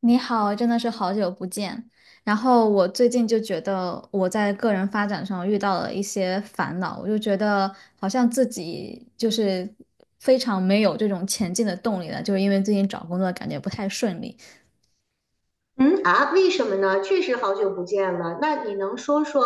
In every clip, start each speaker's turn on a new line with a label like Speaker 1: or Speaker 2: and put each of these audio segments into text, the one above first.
Speaker 1: 你好，真的是好久不见。然后我最近就觉得我在个人发展上遇到了一些烦恼，我就觉得好像自己就是非常没有这种前进的动力了，就是因为最近找工作感觉不太顺利。
Speaker 2: 嗯啊，为什么呢？确实好久不见了。那你能说说，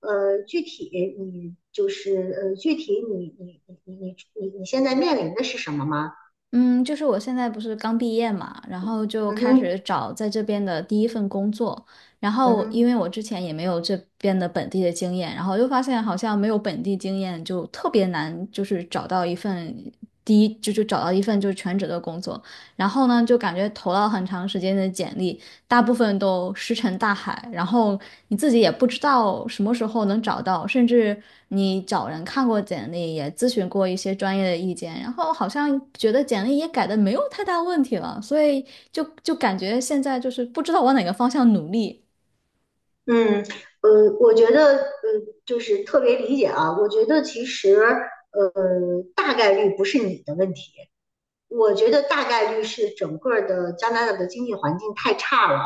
Speaker 2: 具体你就是呃，具体你现在面临的是什么吗？
Speaker 1: 嗯，就是我现在不是刚毕业嘛，然后就
Speaker 2: 嗯
Speaker 1: 开
Speaker 2: 哼，
Speaker 1: 始找在这边的第一份工作，然
Speaker 2: 嗯
Speaker 1: 后因
Speaker 2: 哼，
Speaker 1: 为我之前也没有这边的本地的经验，然后又发现好像没有本地经验就特别难，就是找到一份第一就找到一份就是全职的工作，然后呢就感觉投了很长时间的简历，大部分都石沉大海，然后你自己也不知道什么时候能找到，甚至你找人看过简历，也咨询过一些专业的意见，然后好像觉得简历也改的没有太大问题了，所以就感觉现在就是不知道往哪个方向努力。
Speaker 2: 嗯，我觉得就是特别理解啊。我觉得其实大概率不是你的问题，我觉得大概率是整个的加拿大的经济环境太差了。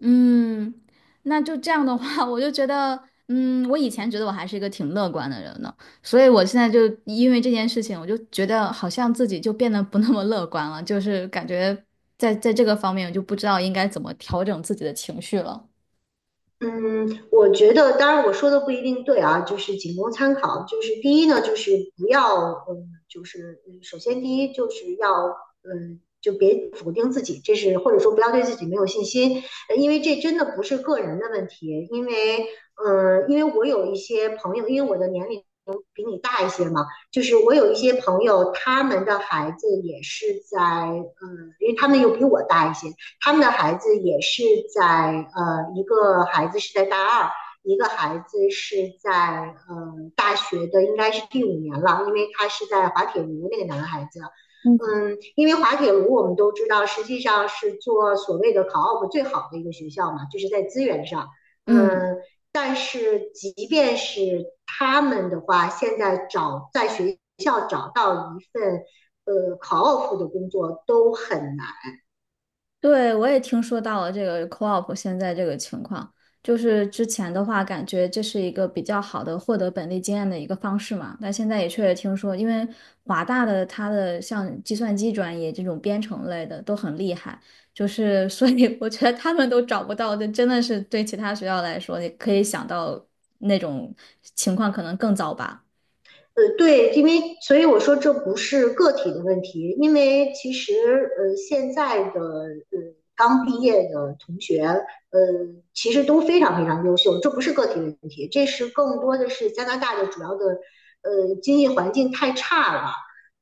Speaker 1: 嗯，那就这样的话，我就觉得，嗯，我以前觉得我还是一个挺乐观的人呢，所以我现在就因为这件事情，我就觉得好像自己就变得不那么乐观了，就是感觉在这个方面，我就不知道应该怎么调整自己的情绪了。
Speaker 2: 嗯，我觉得，当然我说的不一定对啊，就是仅供参考。就是第一呢，就是不要，嗯，就是首先第一就是要，嗯，就别否定自己，这是或者说不要对自己没有信心，因为这真的不是个人的问题。因为，嗯，因为我有一些朋友，因为我的年龄比你大一些嘛，就是我有一些朋友，他们的孩子也是在，嗯，因为他们又比我大一些。他们的孩子也是在一个孩子是在大二，一个孩子是在大学的，应该是第五年了，因为他是在滑铁卢那个男孩子。嗯，因为滑铁卢我们都知道，实际上是做所谓的考 op 最好的一个学校嘛，就是在资源上。
Speaker 1: 嗯。
Speaker 2: 嗯，但是即便是他们的话，现在找在学校找到一份考 op 的工作都很难。
Speaker 1: 对，我也听说到了这个 co-op 现在这个情况，就是之前的话，感觉这是一个比较好的获得本地经验的一个方式嘛。但现在也确实听说，因为华大的它的像计算机专业这种编程类的都很厉害，就是所以我觉得他们都找不到，这真的是对其他学校来说，你可以想到那种情况可能更糟吧。
Speaker 2: 对，因为所以我说这不是个体的问题，因为其实现在的刚毕业的同学，其实都非常非常优秀，这不是个体的问题，这是更多的是加拿大的主要的经济环境太差了，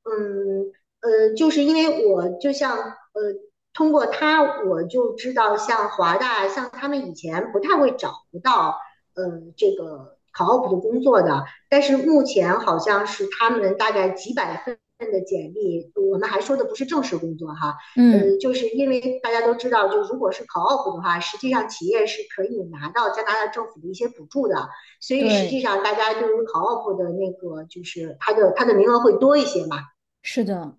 Speaker 2: 嗯就是因为我就像通过他我就知道像华大像他们以前不太会找不到呃这个考 o p 的工作的。但是目前好像是他们大概几百份的简历，我们还说的不是正式工作哈，
Speaker 1: 嗯，
Speaker 2: 就是因为大家都知道，就如果是考 o o p 的话，实际上企业是可以拿到加拿大政府的一些补助的，所以实际
Speaker 1: 对，
Speaker 2: 上大家对于考 o o p 的那个就是它的名额会多一些嘛。
Speaker 1: 是的。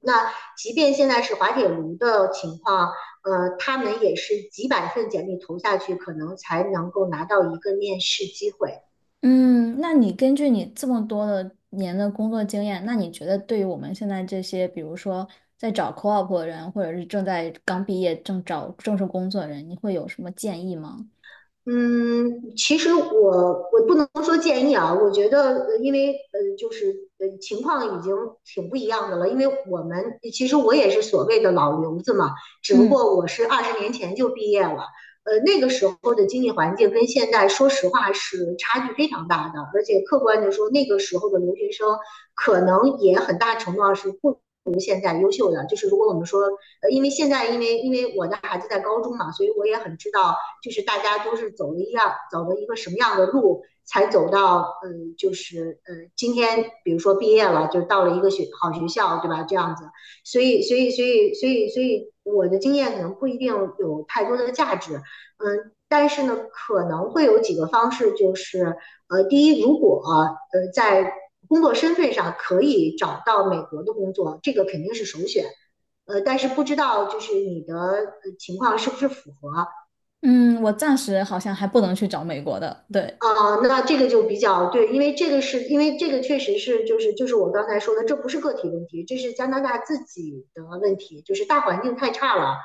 Speaker 2: 那即便现在是滑铁卢的情况，他们也是几百份简历投下去，可能才能够拿到一个面试机会。
Speaker 1: 嗯，那你根据你这么多的年的工作经验，那你觉得对于我们现在这些，比如说在找 co-op 的人，或者是正在刚毕业正找正式工作的人，你会有什么建议吗？
Speaker 2: 嗯，其实我不能说建议啊，我觉得因为就是情况已经挺不一样的了，因为我们其实我也是所谓的老留子嘛，只不
Speaker 1: 嗯
Speaker 2: 过我是二十年前就毕业了，那个时候的经济环境跟现在说实话是差距非常大的，而且客观的说，那个时候的留学生可能也很大程度上是不们现在优秀的，就是如果我们说，因为现在因为我的孩子在高中嘛，所以我也很知道，就是大家都是走了一样走了一个什么样的路，才走到就是今天比如说毕业了，就到了一个学好学校，对吧？这样子，所以我的经验可能不一定有太多的价值，嗯、呃但是呢，可能会有几个方式，就是第一，如果在工作身份上可以找到美国的工作，这个肯定是首选。但是不知道就是你的情况是不是符合，
Speaker 1: 嗯，我暂时好像还不能去找美国的，对，
Speaker 2: 啊，那这个就比较对，因为这个是因为这个确实是就是我刚才说的，这不是个体问题，这是加拿大自己的问题，就是大环境太差了。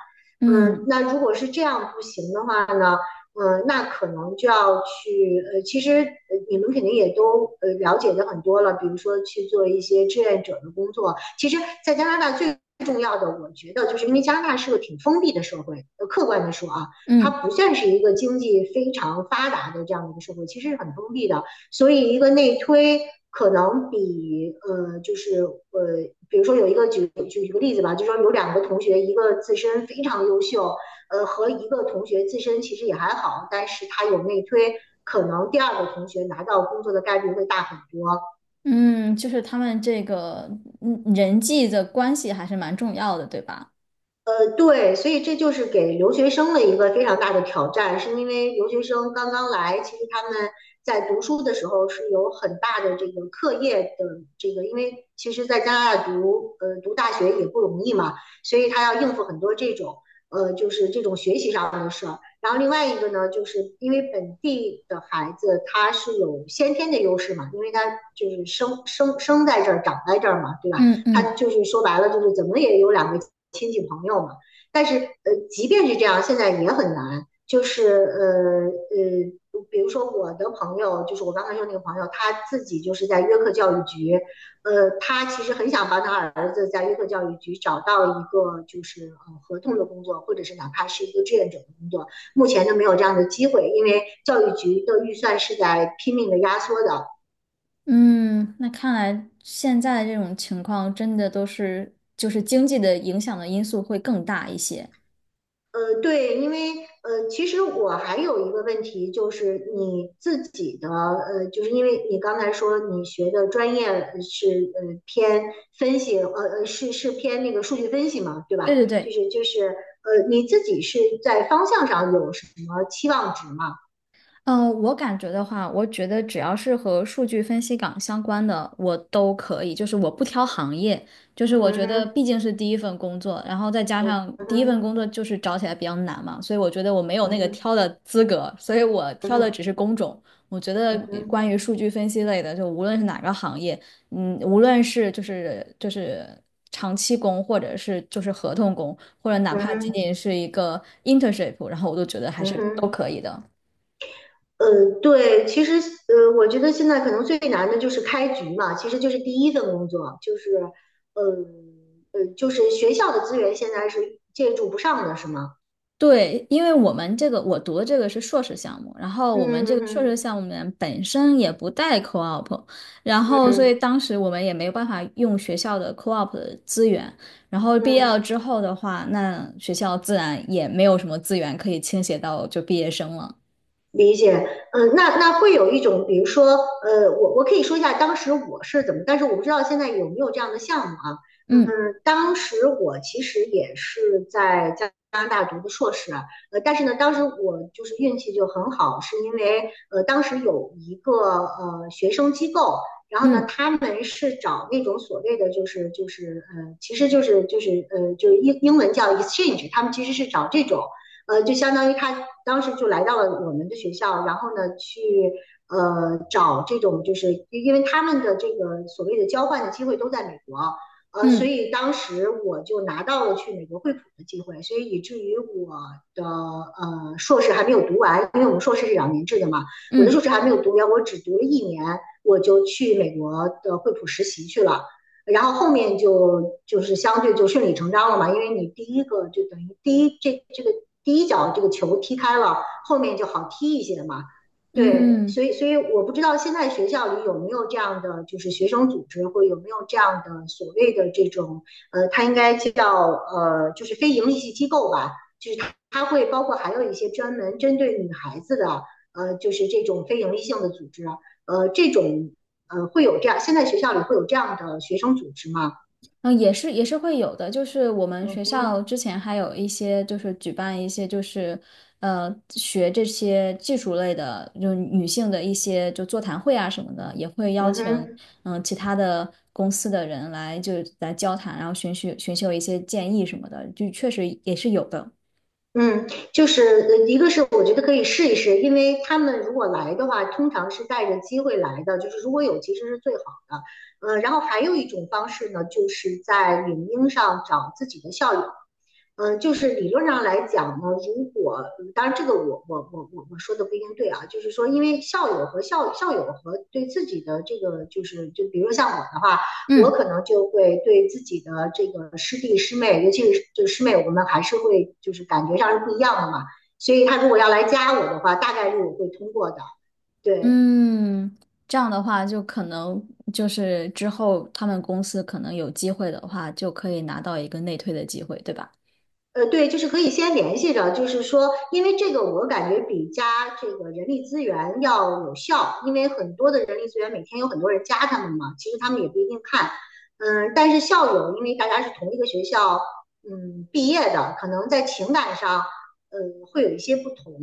Speaker 2: 嗯，
Speaker 1: 嗯
Speaker 2: 那如果是这样不行的话呢，嗯，那可能就要去其实你们肯定也都了解的很多了，比如说去做一些志愿者的工作。其实，在加拿大最重要的，我觉得就是因为加拿大是个挺封闭的社会，客观的说啊，它
Speaker 1: 嗯
Speaker 2: 不算是一个经济非常发达的这样的一个社会，其实是很封闭的。所以一个内推可能比就是比如说有一个举个例子吧，就说有两个同学，一个自身非常优秀，和一个同学自身其实也还好，但是他有内推，可能第二个同学拿到工作的概率会大很多。
Speaker 1: 嗯，就是他们这个嗯人际的关系还是蛮重要的，对吧？
Speaker 2: 对，所以这就是给留学生的一个非常大的挑战，是因为留学生刚刚来，其实他们在读书的时候是有很大的这个课业的这个，因为其实在加拿大读读大学也不容易嘛，所以他要应付很多这种就是这种学习上的事儿。然后另外一个呢，就是因为本地的孩子他是有先天的优势嘛，因为他就是生在这儿，长在这儿嘛，对吧？
Speaker 1: 嗯
Speaker 2: 他
Speaker 1: 嗯。
Speaker 2: 就是说白了就是怎么也有两个亲戚朋友嘛。但是即便是这样，现在也很难，就是比如说我的朋友，就是我刚才说那个朋友，他自己就是在约克教育局，他其实很想帮他儿子在约克教育局找到一个就是合同的工作，或者是哪怕是一个志愿者的工作，目前都没有这样的机会，因为教育局的预算是在拼命的压缩的。
Speaker 1: 嗯，那看来现在这种情况真的都是，就是经济的影响的因素会更大一些。
Speaker 2: 对，因为其实我还有一个问题，就是你自己的就是因为你刚才说你学的专业是偏分析，是偏那个数据分析嘛，对吧？
Speaker 1: 对对
Speaker 2: 就
Speaker 1: 对，
Speaker 2: 是就是你自己是在方向上有什么期望值吗？
Speaker 1: 我感觉的话，我觉得只要是和数据分析岗相关的，我都可以。就是我不挑行业，就是我
Speaker 2: 嗯
Speaker 1: 觉得毕
Speaker 2: 哼，
Speaker 1: 竟是第一份工作，然后再加上
Speaker 2: 嗯
Speaker 1: 第一份
Speaker 2: 哼，
Speaker 1: 工作就是找起来比较难嘛，所以我觉得我没有
Speaker 2: 嗯
Speaker 1: 那个
Speaker 2: 哼，
Speaker 1: 挑的资格，所以我挑的只是工种。我觉得
Speaker 2: 嗯哼，
Speaker 1: 关于数据分析类的，就无论是哪个行业，嗯，无论是就是长期工，或者是就是合同工，或者哪
Speaker 2: 嗯
Speaker 1: 怕仅
Speaker 2: 哼，
Speaker 1: 仅是一个 internship,然后我都觉得还
Speaker 2: 嗯哼，
Speaker 1: 是都
Speaker 2: 嗯哼。
Speaker 1: 可以的。
Speaker 2: 嗯，对，其实我觉得现在可能最难的就是开局嘛，其实就是第一份工作，就是就是学校的资源现在是借助不上的，是吗？
Speaker 1: 对，因为我们这个我读的这个是硕士项目，然后我们这个
Speaker 2: 嗯
Speaker 1: 硕士
Speaker 2: 嗯
Speaker 1: 项目里面本身也不带 co-op,然
Speaker 2: 嗯
Speaker 1: 后所以
Speaker 2: 嗯。
Speaker 1: 当时我们也没有办法用学校的 co-op 的资源，然后毕业了
Speaker 2: 嗯
Speaker 1: 之后的话，那学校自然也没有什么资源可以倾斜到就毕业生了。
Speaker 2: 理解，嗯，那会有一种，比如说，我可以说一下当时我是怎么，但是我不知道现在有没有这样的项目啊。
Speaker 1: 嗯
Speaker 2: 嗯，当时我其实也是在加拿大读的硕士啊但是呢，当时我就是运气就很好，是因为当时有一个学生机构，然后呢，
Speaker 1: 嗯
Speaker 2: 他们是找那种所谓的就是，其实就是英文叫 exchange，他们其实是找这种。就相当于他当时就来到了我们的学校，然后呢去找这种就是因为他们的这个所谓的交换的机会都在美国，所
Speaker 1: 嗯
Speaker 2: 以当时我就拿到了去美国惠普的机会，所以以至于我的硕士还没有读完，因为我们硕士是2年制的嘛，我的硕
Speaker 1: 嗯
Speaker 2: 士还没有读完，我只读了一年，我就去美国的惠普实习去了。然后后面就是相对就顺理成章了嘛，因为你第一个就等于第一这个第一脚这个球踢开了，后面就好踢一些嘛。对，
Speaker 1: 嗯。
Speaker 2: 所以我不知道现在学校里有没有这样的就是学生组织，或有没有这样的所谓的这种它应该叫就是非盈利性机构吧，就是它会包括还有一些专门针对女孩子的就是这种非盈利性的组织啊，这种。会有这样，现在学校里会有这样的学生组织吗？
Speaker 1: 嗯，也是也是会有的，就是我们
Speaker 2: 嗯
Speaker 1: 学校
Speaker 2: 哼，
Speaker 1: 之前还有一些就是举办一些就是学这些技术类的，就是女性的一些就座谈会啊什么的，也会邀
Speaker 2: 嗯
Speaker 1: 请
Speaker 2: 哼，
Speaker 1: 其他的公司的人来就来交谈，然后寻求一些建议什么的，就确实也是有的。
Speaker 2: 嗯，就是一个是我觉得可以试一试，因为他们如果来的话，通常是带着机会来的，就是如果有其实是最好的。然后还有一种方式呢，就是在领英上找自己的校友。嗯，就是理论上来讲呢，如果嗯当然这个我说的不一定对啊，就是说因为校友和校友和对自己的这个就是就比如说像我的话，我
Speaker 1: 嗯
Speaker 2: 可能就会对自己的这个师弟师妹，尤其是就师妹，我们还是会就是感觉上是不一样的嘛，所以他如果要来加我的话，大概率我会通过的，对。
Speaker 1: 嗯，这样的话就可能就是之后他们公司可能有机会的话，就可以拿到一个内推的机会，对吧？
Speaker 2: 对，就是可以先联系着，就是说，因为这个我感觉比加这个人力资源要有效，因为很多的人力资源每天有很多人加他们嘛，其实他们也不一定看，嗯，但是校友因为大家是同一个学校，嗯，毕业的，可能在情感上，呃，会有一些不同，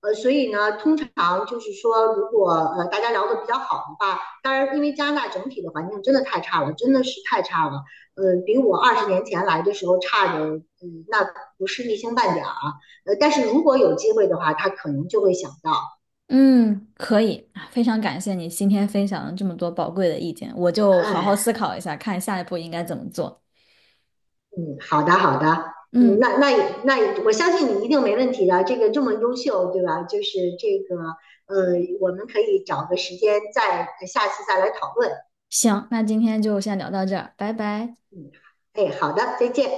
Speaker 2: 所以呢，通常就是说，如果大家聊得比较好的话，当然，因为加拿大整体的环境真的太差了，真的是太差了，比我二十年前来的时候差的，嗯，那不是一星半点儿啊。但是如果有机会的话，他可能就会想到，
Speaker 1: 嗯，可以，啊非常感谢你今天分享了这么多宝贵的意见，我就好好
Speaker 2: 哎，
Speaker 1: 思考一下，看下一步应该怎么做。
Speaker 2: 嗯，好的，好的，嗯，
Speaker 1: 嗯，
Speaker 2: 那，我相信你一定没问题的。这个这么优秀，对吧？就是这个，我们可以找个时间再下次再来讨论。
Speaker 1: 行，那今天就先聊到这儿，拜拜。
Speaker 2: 嗯，哎，好的，再见。